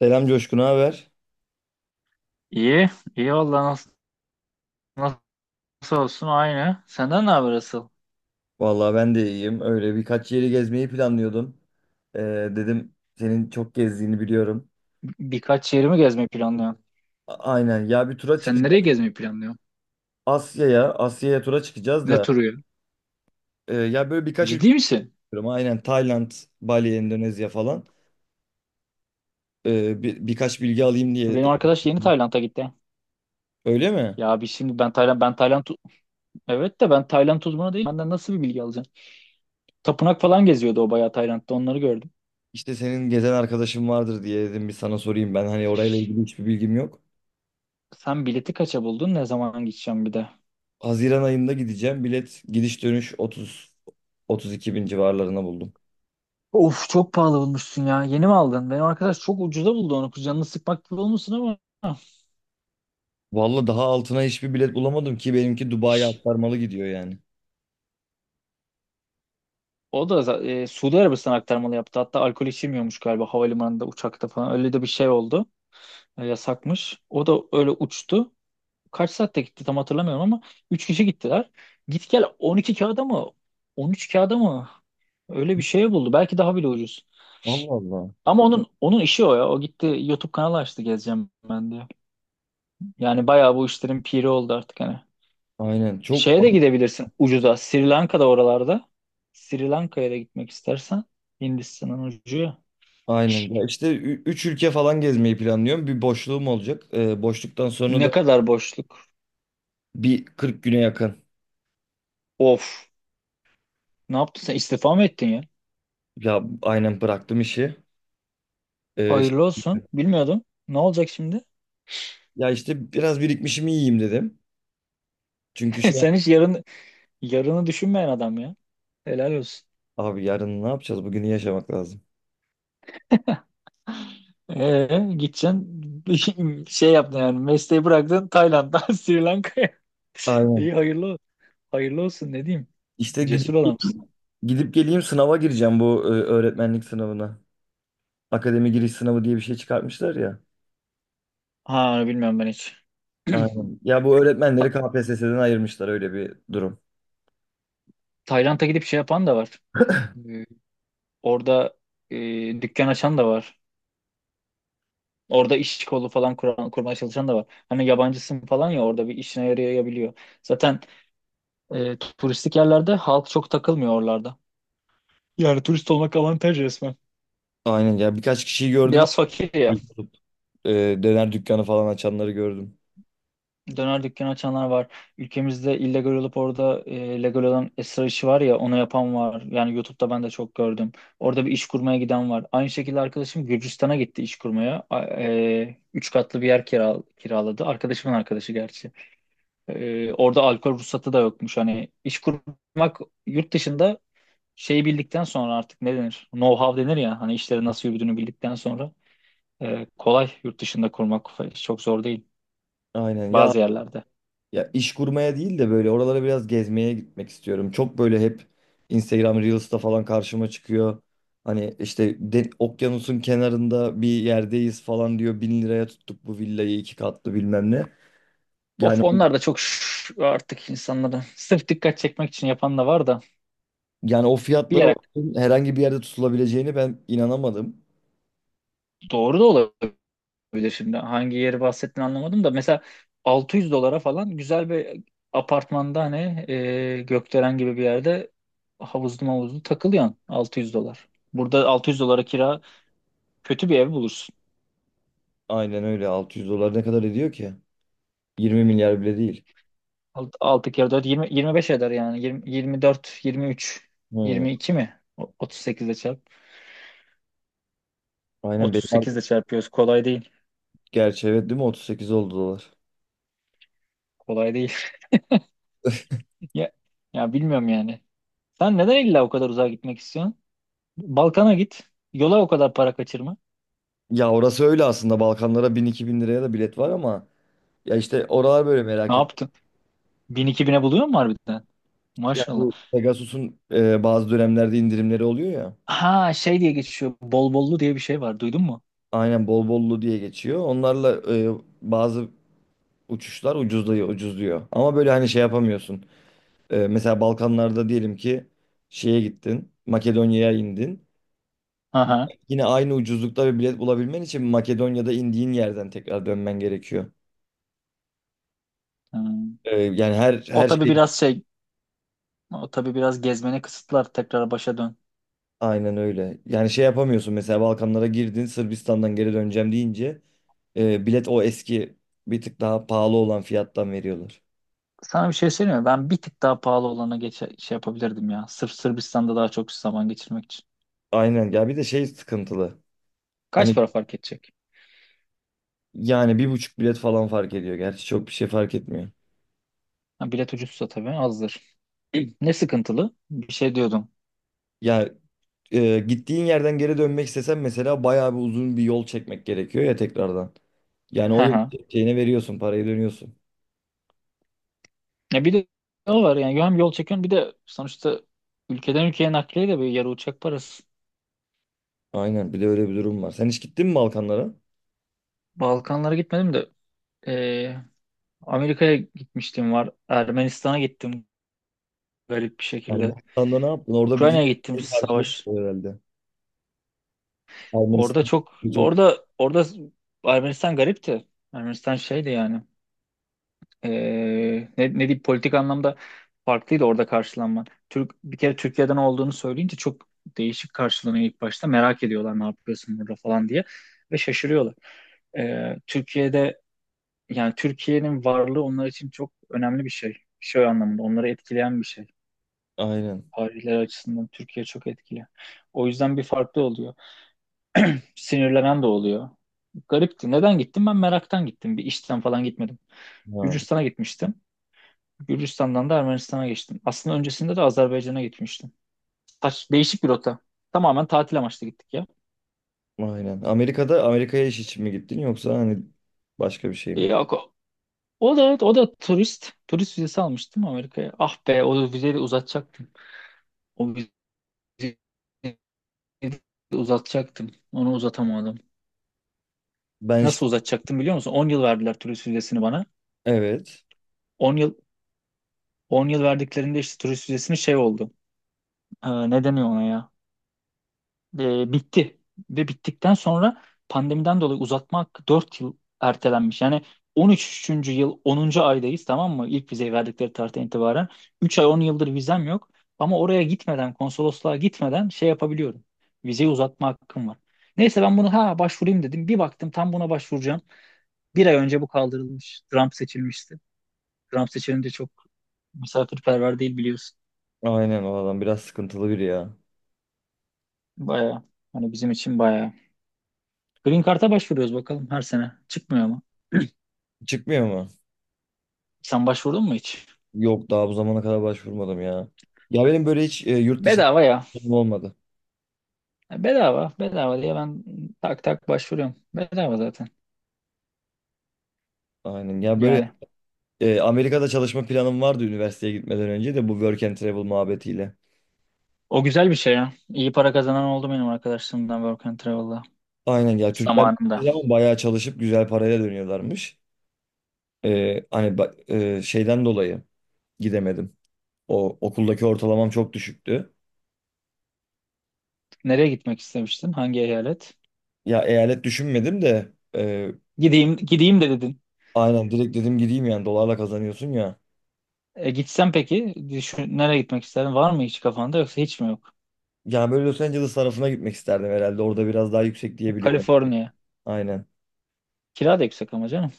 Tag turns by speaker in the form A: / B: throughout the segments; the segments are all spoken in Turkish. A: Selam Coşkun, haber?
B: İyi, iyi valla nasıl, nasıl olsun aynı. Senden ne haber asıl?
A: Vallahi ben de iyiyim. Öyle birkaç yeri gezmeyi planlıyordum. Ee, Dedim senin çok gezdiğini biliyorum.
B: Birkaç yerimi gezmeyi planlıyorum.
A: Aynen. Ya bir tura
B: Sen
A: çıkacağız.
B: nereye gezmeyi planlıyorsun?
A: Asya'ya, Asya'ya tura çıkacağız
B: Ne
A: da
B: turu ya?
A: ya böyle birkaç ülke
B: Ciddi misin?
A: istiyorum. Aynen Tayland, Bali, Endonezya falan. Birkaç bilgi alayım diye.
B: Benim arkadaş yeni Tayland'a gitti.
A: Öyle mi?
B: Ya bir şimdi ben Tayland evet de ben Tayland uzmanı değilim. Benden nasıl bir bilgi alacaksın? Tapınak falan geziyordu, o bayağı Tayland'da, onları gördüm.
A: İşte senin gezen arkadaşın vardır diye dedim bir sana sorayım. Ben hani orayla ilgili hiçbir bilgim yok.
B: Sen bileti kaça buldun? Ne zaman gideceğim bir de?
A: Haziran ayında gideceğim. Bilet gidiş dönüş 30 32 bin civarlarına buldum.
B: Of, çok pahalı bulmuşsun ya. Yeni mi aldın? Benim arkadaş çok ucuza buldu onu. Canını sıkmak gibi olmuşsun ama.
A: Vallahi daha altına hiçbir bilet bulamadım ki benimki Dubai'ye aktarmalı gidiyor yani.
B: O da za- e, Suudi Arabistan aktarmalı yaptı. Hatta alkol içilmiyormuş galiba havalimanında, uçakta falan. Öyle de bir şey oldu. Yasakmış. O da öyle uçtu. Kaç saatte gitti tam hatırlamıyorum ama 3 kişi gittiler. Git gel 12 kağıda mı? 13 kağıda mı? Öyle bir şey buldu. Belki daha bile ucuz.
A: Allah Allah.
B: Ama onun işi o ya. O gitti YouTube kanalı açtı gezeceğim ben diye. Yani bayağı bu işlerin piri oldu artık hani.
A: Aynen, çok
B: Şeye de gidebilirsin ucuza. Sri Lanka'da, oralarda. Sri Lanka'ya da gitmek istersen. Hindistan'ın ucu ya.
A: aynen. Ya işte 3 ülke falan gezmeyi planlıyorum. Bir boşluğum olacak. Boşluktan sonra da
B: Ne kadar boşluk.
A: bir 40 güne yakın.
B: Of. Ne yaptın sen? İstifa mı ettin ya?
A: Ya aynen bıraktım işi. Ee, ş-
B: Hayırlı olsun. Bilmiyordum. Ne olacak şimdi?
A: Ya işte biraz birikmişimi yiyeyim dedim. Çünkü
B: Sen hiç yarını düşünmeyen adam ya. Helal olsun.
A: abi yarın ne yapacağız? Bugünü yaşamak lazım.
B: Gideceksin şey yaptın, yani mesleği bıraktın Tayland'dan Sri Lanka'ya. İyi
A: Aynen.
B: hayırlı hayırlı olsun, ne diyeyim.
A: İşte
B: Cesur
A: gidip
B: adamsın.
A: gidip geleyim, sınava gireceğim, bu öğretmenlik sınavına. Akademi giriş sınavı diye bir şey çıkartmışlar ya.
B: Ha, bilmiyorum ben hiç.
A: Aynen. Ya bu öğretmenleri
B: Ta-
A: KPSS'den ayırmışlar, öyle bir durum.
B: Tayland'a gidip şey yapan da var. Ee, Orada e, dükkan açan da var. Orada iş kolu falan kuran, kurmaya çalışan da var. Hani yabancısın falan ya, orada bir işine yarayabiliyor. Zaten turistik yerlerde halk çok takılmıyor oralarda. Yani turist olmak avantaj resmen.
A: Aynen, ya birkaç kişiyi gördüm.
B: Biraz fakir ya.
A: E, Döner dükkanı falan açanları gördüm.
B: Döner dükkanı açanlar var. Ülkemizde illegal olup orada legal olan esrar işi var ya, onu yapan var. Yani YouTube'da ben de çok gördüm. Orada bir iş kurmaya giden var. Aynı şekilde arkadaşım Gürcistan'a gitti iş kurmaya. Üç katlı bir yer kiraladı. Arkadaşımın arkadaşı gerçi. Orada alkol ruhsatı da yokmuş. Hani iş kurmak yurt dışında şeyi bildikten sonra artık ne denir? Know-how denir ya. Hani işleri nasıl yürüdüğünü bildikten sonra kolay, yurt dışında kurmak çok zor değil
A: Aynen ya
B: bazı yerlerde.
A: ya iş kurmaya değil de böyle oralara biraz gezmeye gitmek istiyorum. Çok böyle hep Instagram Reels'ta falan karşıma çıkıyor. Hani işte okyanusun kenarında bir yerdeyiz falan diyor. 1000 liraya tuttuk bu villayı, iki katlı bilmem ne.
B: Of,
A: Yani
B: onlar da çok artık insanların sırf dikkat çekmek için yapan da var da
A: yani o
B: bir
A: fiyatlara
B: yere
A: herhangi bir yerde tutulabileceğini ben inanamadım.
B: doğru da olabilir şimdi. Hangi yeri bahsettiğini anlamadım da, mesela 600 dolara falan güzel bir apartmanda, hani gökdelen gibi bir yerde, havuzlu takılıyorsun 600 dolar. Burada 600 dolara kira kötü bir ev bulursun.
A: Aynen öyle, 600 dolar ne kadar ediyor ki? 20 milyar bile değil.
B: Altı kere 4, 20, 25 eder yani. 20, 24, 23,
A: Hı.
B: 22 mi? 38 ile çarp.
A: Aynen,
B: 38 ile çarpıyoruz. Kolay değil.
A: gerçi evet, değil mi, 38 oldu dolar.
B: Kolay değil. Ya, ya, bilmiyorum yani. Sen neden illa o kadar uzağa gitmek istiyorsun? Balkan'a git. Yola o kadar para kaçırma.
A: Ya orası öyle aslında, Balkanlara 1000-2000 liraya da bilet var ama ya işte oralar böyle
B: Ne
A: merak et.
B: yaptın? 1000-2000'e buluyor mu harbiden?
A: Ya
B: Maşallah.
A: bu Pegasus'un bazı dönemlerde indirimleri oluyor ya.
B: Ha, şey diye geçiyor. Bol bollu diye bir şey var. Duydun mu?
A: Aynen, bol bollu diye geçiyor. Onlarla bazı uçuşlar ucuzluyor, ucuzluyor. Ama böyle hani şey yapamıyorsun. Mesela Balkanlarda diyelim ki şeye gittin, Makedonya'ya indin.
B: Aha.
A: Yine aynı ucuzlukta bir bilet bulabilmen için Makedonya'da indiğin yerden tekrar dönmen gerekiyor.
B: Hmm.
A: Yani her
B: O
A: her
B: tabii
A: şey
B: biraz şey. O tabii biraz gezmene kısıtlar. Tekrar başa dön.
A: aynen öyle. Yani şey yapamıyorsun, mesela Balkanlara girdin, Sırbistan'dan geri döneceğim deyince bilet o eski, bir tık daha pahalı olan fiyattan veriyorlar.
B: Sana bir şey söyleyeyim mi? Ben bir tık daha pahalı olana şey yapabilirdim ya. Sırf Sırbistan'da daha çok zaman geçirmek için.
A: Aynen ya, bir de şey sıkıntılı.
B: Kaç
A: Hani
B: para fark edecek?
A: yani 1,5 bilet falan fark ediyor. Gerçi çok bir şey fark etmiyor.
B: Ha, bilet ucuzsa tabii azdır. Ne sıkıntılı? Bir şey diyordum.
A: Ya gittiğin yerden geri dönmek istesen mesela bayağı bir uzun bir yol çekmek gerekiyor ya tekrardan. Yani
B: Hı
A: o yol
B: hı.
A: çekeceğine veriyorsun parayı, dönüyorsun.
B: Ya bir de o var yani, hem yol çekiyorsun bir de sonuçta ülkeden ülkeye nakliye de böyle yarı uçak parası.
A: Aynen, bir de öyle bir durum var. Sen hiç gittin mi Balkanlara?
B: Balkanlara gitmedim de. Ee, Amerika'ya gitmiştim var. Ermenistan'a gittim garip bir şekilde.
A: Ermenistan'da ne yaptın? Orada bizi
B: Ukrayna'ya gittim,
A: şey karşıladı
B: savaş.
A: herhalde.
B: Orada
A: Ermenistan
B: çok
A: çok
B: orada orada Ermenistan garipti. Ermenistan şeydi yani. Ee, ne diyeyim, politik anlamda farklıydı orada karşılanma. Türk, bir kere Türkiye'den olduğunu söyleyince çok değişik karşılanıyor ilk başta. Merak ediyorlar, ne yapıyorsun burada falan diye, ve şaşırıyorlar. Türkiye'de, yani Türkiye'nin varlığı onlar için çok önemli bir şey. Şey anlamında onları etkileyen bir şey.
A: aynen.
B: Tarihler açısından Türkiye çok etkili. O yüzden bir farklı oluyor. Sinirlenen de oluyor. Garipti. Neden gittim? Ben meraktan gittim. Bir işten falan gitmedim.
A: Ha,
B: Gürcistan'a gitmiştim. Gürcistan'dan da Ermenistan'a geçtim. Aslında öncesinde de Azerbaycan'a gitmiştim. Saç, değişik bir rota. Tamamen tatil amaçlı gittik ya.
A: aynen. Amerika'ya iş için mi gittin, yoksa hani başka bir şey mi?
B: Yok, o da turist. Turist vizesi almıştım Amerika'ya. Ah be, o vizeyi de uzatacaktım. O vizeyi Onu uzatamadım.
A: Ben işte
B: Nasıl uzatacaktım biliyor musun? 10 yıl verdiler turist vizesini bana.
A: evet.
B: 10 yıl 10 yıl verdiklerinde işte turist vizesini şey oldu. Ne deniyor ona ya? Bitti. Ve bittikten sonra pandemiden dolayı uzatmak 4 yıl ertelenmiş. Yani 13. yıl 10. aydayız, tamam mı? İlk vizeyi verdikleri tarihten itibaren. 3 ay, 10 yıldır vizem yok. Ama oraya gitmeden, konsolosluğa gitmeden şey yapabiliyorum. Vizeyi uzatma hakkım var. Neyse, ben bunu ha başvurayım dedim. Bir baktım, tam buna başvuracağım, 1 ay önce bu kaldırılmış. Trump seçilmişti. Trump seçilince çok misafirperver değil, biliyorsun.
A: Aynen, o adam biraz sıkıntılı biri ya.
B: Bayağı. Hani bizim için bayağı. Green Card'a başvuruyoruz bakalım her sene. Çıkmıyor mu?
A: Çıkmıyor mu?
B: Sen başvurdun mu hiç?
A: Yok, daha bu zamana kadar başvurmadım ya. Ya benim böyle hiç yurt dışında
B: Bedava ya.
A: planım olmadı.
B: Ya bedava. Bedava diye ben tak tak başvuruyorum. Bedava zaten.
A: Aynen. Ya böyle
B: Yani.
A: Amerika'da çalışma planım vardı üniversiteye gitmeden önce de, bu work and travel muhabbetiyle.
B: O güzel bir şey ya. İyi para kazanan oldu benim arkadaşlarımdan Work and Travel'da.
A: Aynen ya, Türkler
B: Zamanında.
A: ama bayağı çalışıp güzel parayla dönüyorlarmış. Ee, hani ba- Şeyden dolayı gidemedim. O okuldaki ortalamam çok düşüktü.
B: Nereye gitmek istemiştin? Hangi eyalet?
A: Ya eyalet düşünmedim de
B: Gideyim, gideyim de dedin.
A: aynen, direkt dedim gideyim, yani dolarla kazanıyorsun ya.
B: Gitsem peki, düşün, nereye gitmek isterdin? Var mı hiç kafanda, yoksa hiç mi yok?
A: Ya böyle Los Angeles tarafına gitmek isterdim herhalde. Orada biraz daha yüksek diyebiliyorum.
B: Kaliforniya.
A: Aynen.
B: Kira da yüksek ama canım.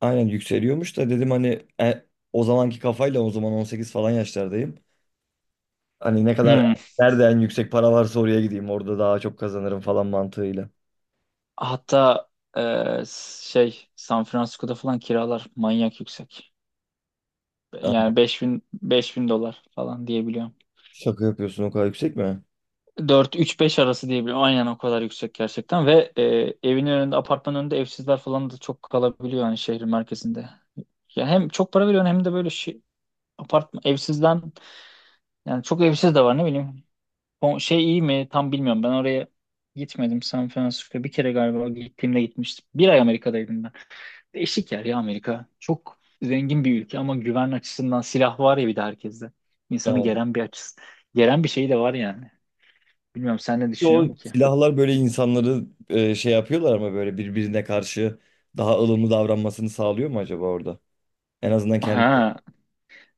A: Aynen yükseliyormuş da dedim hani o zamanki kafayla, o zaman 18 falan yaşlardayım. Hani ne kadar
B: Hmm.
A: nerede en yüksek para varsa oraya gideyim. Orada daha çok kazanırım falan mantığıyla.
B: Hatta e, şey, San Francisco'da falan kiralar manyak yüksek. Yani beş bin dolar falan diyebiliyorum.
A: Şaka yapıyorsun, o kadar yüksek mi?
B: Dört, 3 5 arası diyebiliyorum. Aynen, o kadar yüksek gerçekten. Ve evinin önünde, apartmanın önünde evsizler falan da çok kalabiliyor yani şehrin merkezinde. Ya hem çok para veriyorsun, hem de böyle şey, apartman evsizden, yani çok evsiz de var, ne bileyim. O şey iyi mi tam bilmiyorum. Ben oraya gitmedim, San Francisco. Bir kere galiba gittiğimde gitmiştim. 1 ay Amerika'daydım ben. Değişik yer ya Amerika. Çok zengin bir ülke ama güven açısından silah var ya, bir de herkeste. İnsanı
A: Evet.
B: geren bir açısı. Geren bir şey de var yani. Bilmiyorum, sen ne düşünüyorsun
A: O
B: ki?
A: silahlar böyle insanları şey yapıyorlar ama böyle birbirine karşı daha ılımlı davranmasını sağlıyor mu acaba orada? En azından kendi.
B: Ha,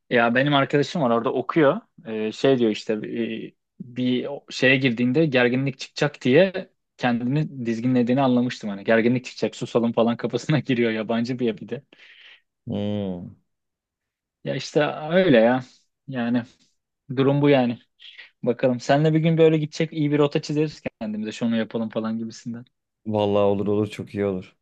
B: ya benim arkadaşım var, orada okuyor. Şey diyor işte, bir şeye girdiğinde gerginlik çıkacak diye kendini dizginlediğini anlamıştım. Hani gerginlik çıkacak, susalım falan kafasına giriyor, yabancı bir de.
A: Hmm.
B: Ya işte öyle ya. Yani durum bu yani. Bakalım. Seninle bir gün böyle gidecek, iyi bir rota çizeriz kendimize. Şunu yapalım falan gibisinden.
A: Vallahi olur olur, çok iyi olur.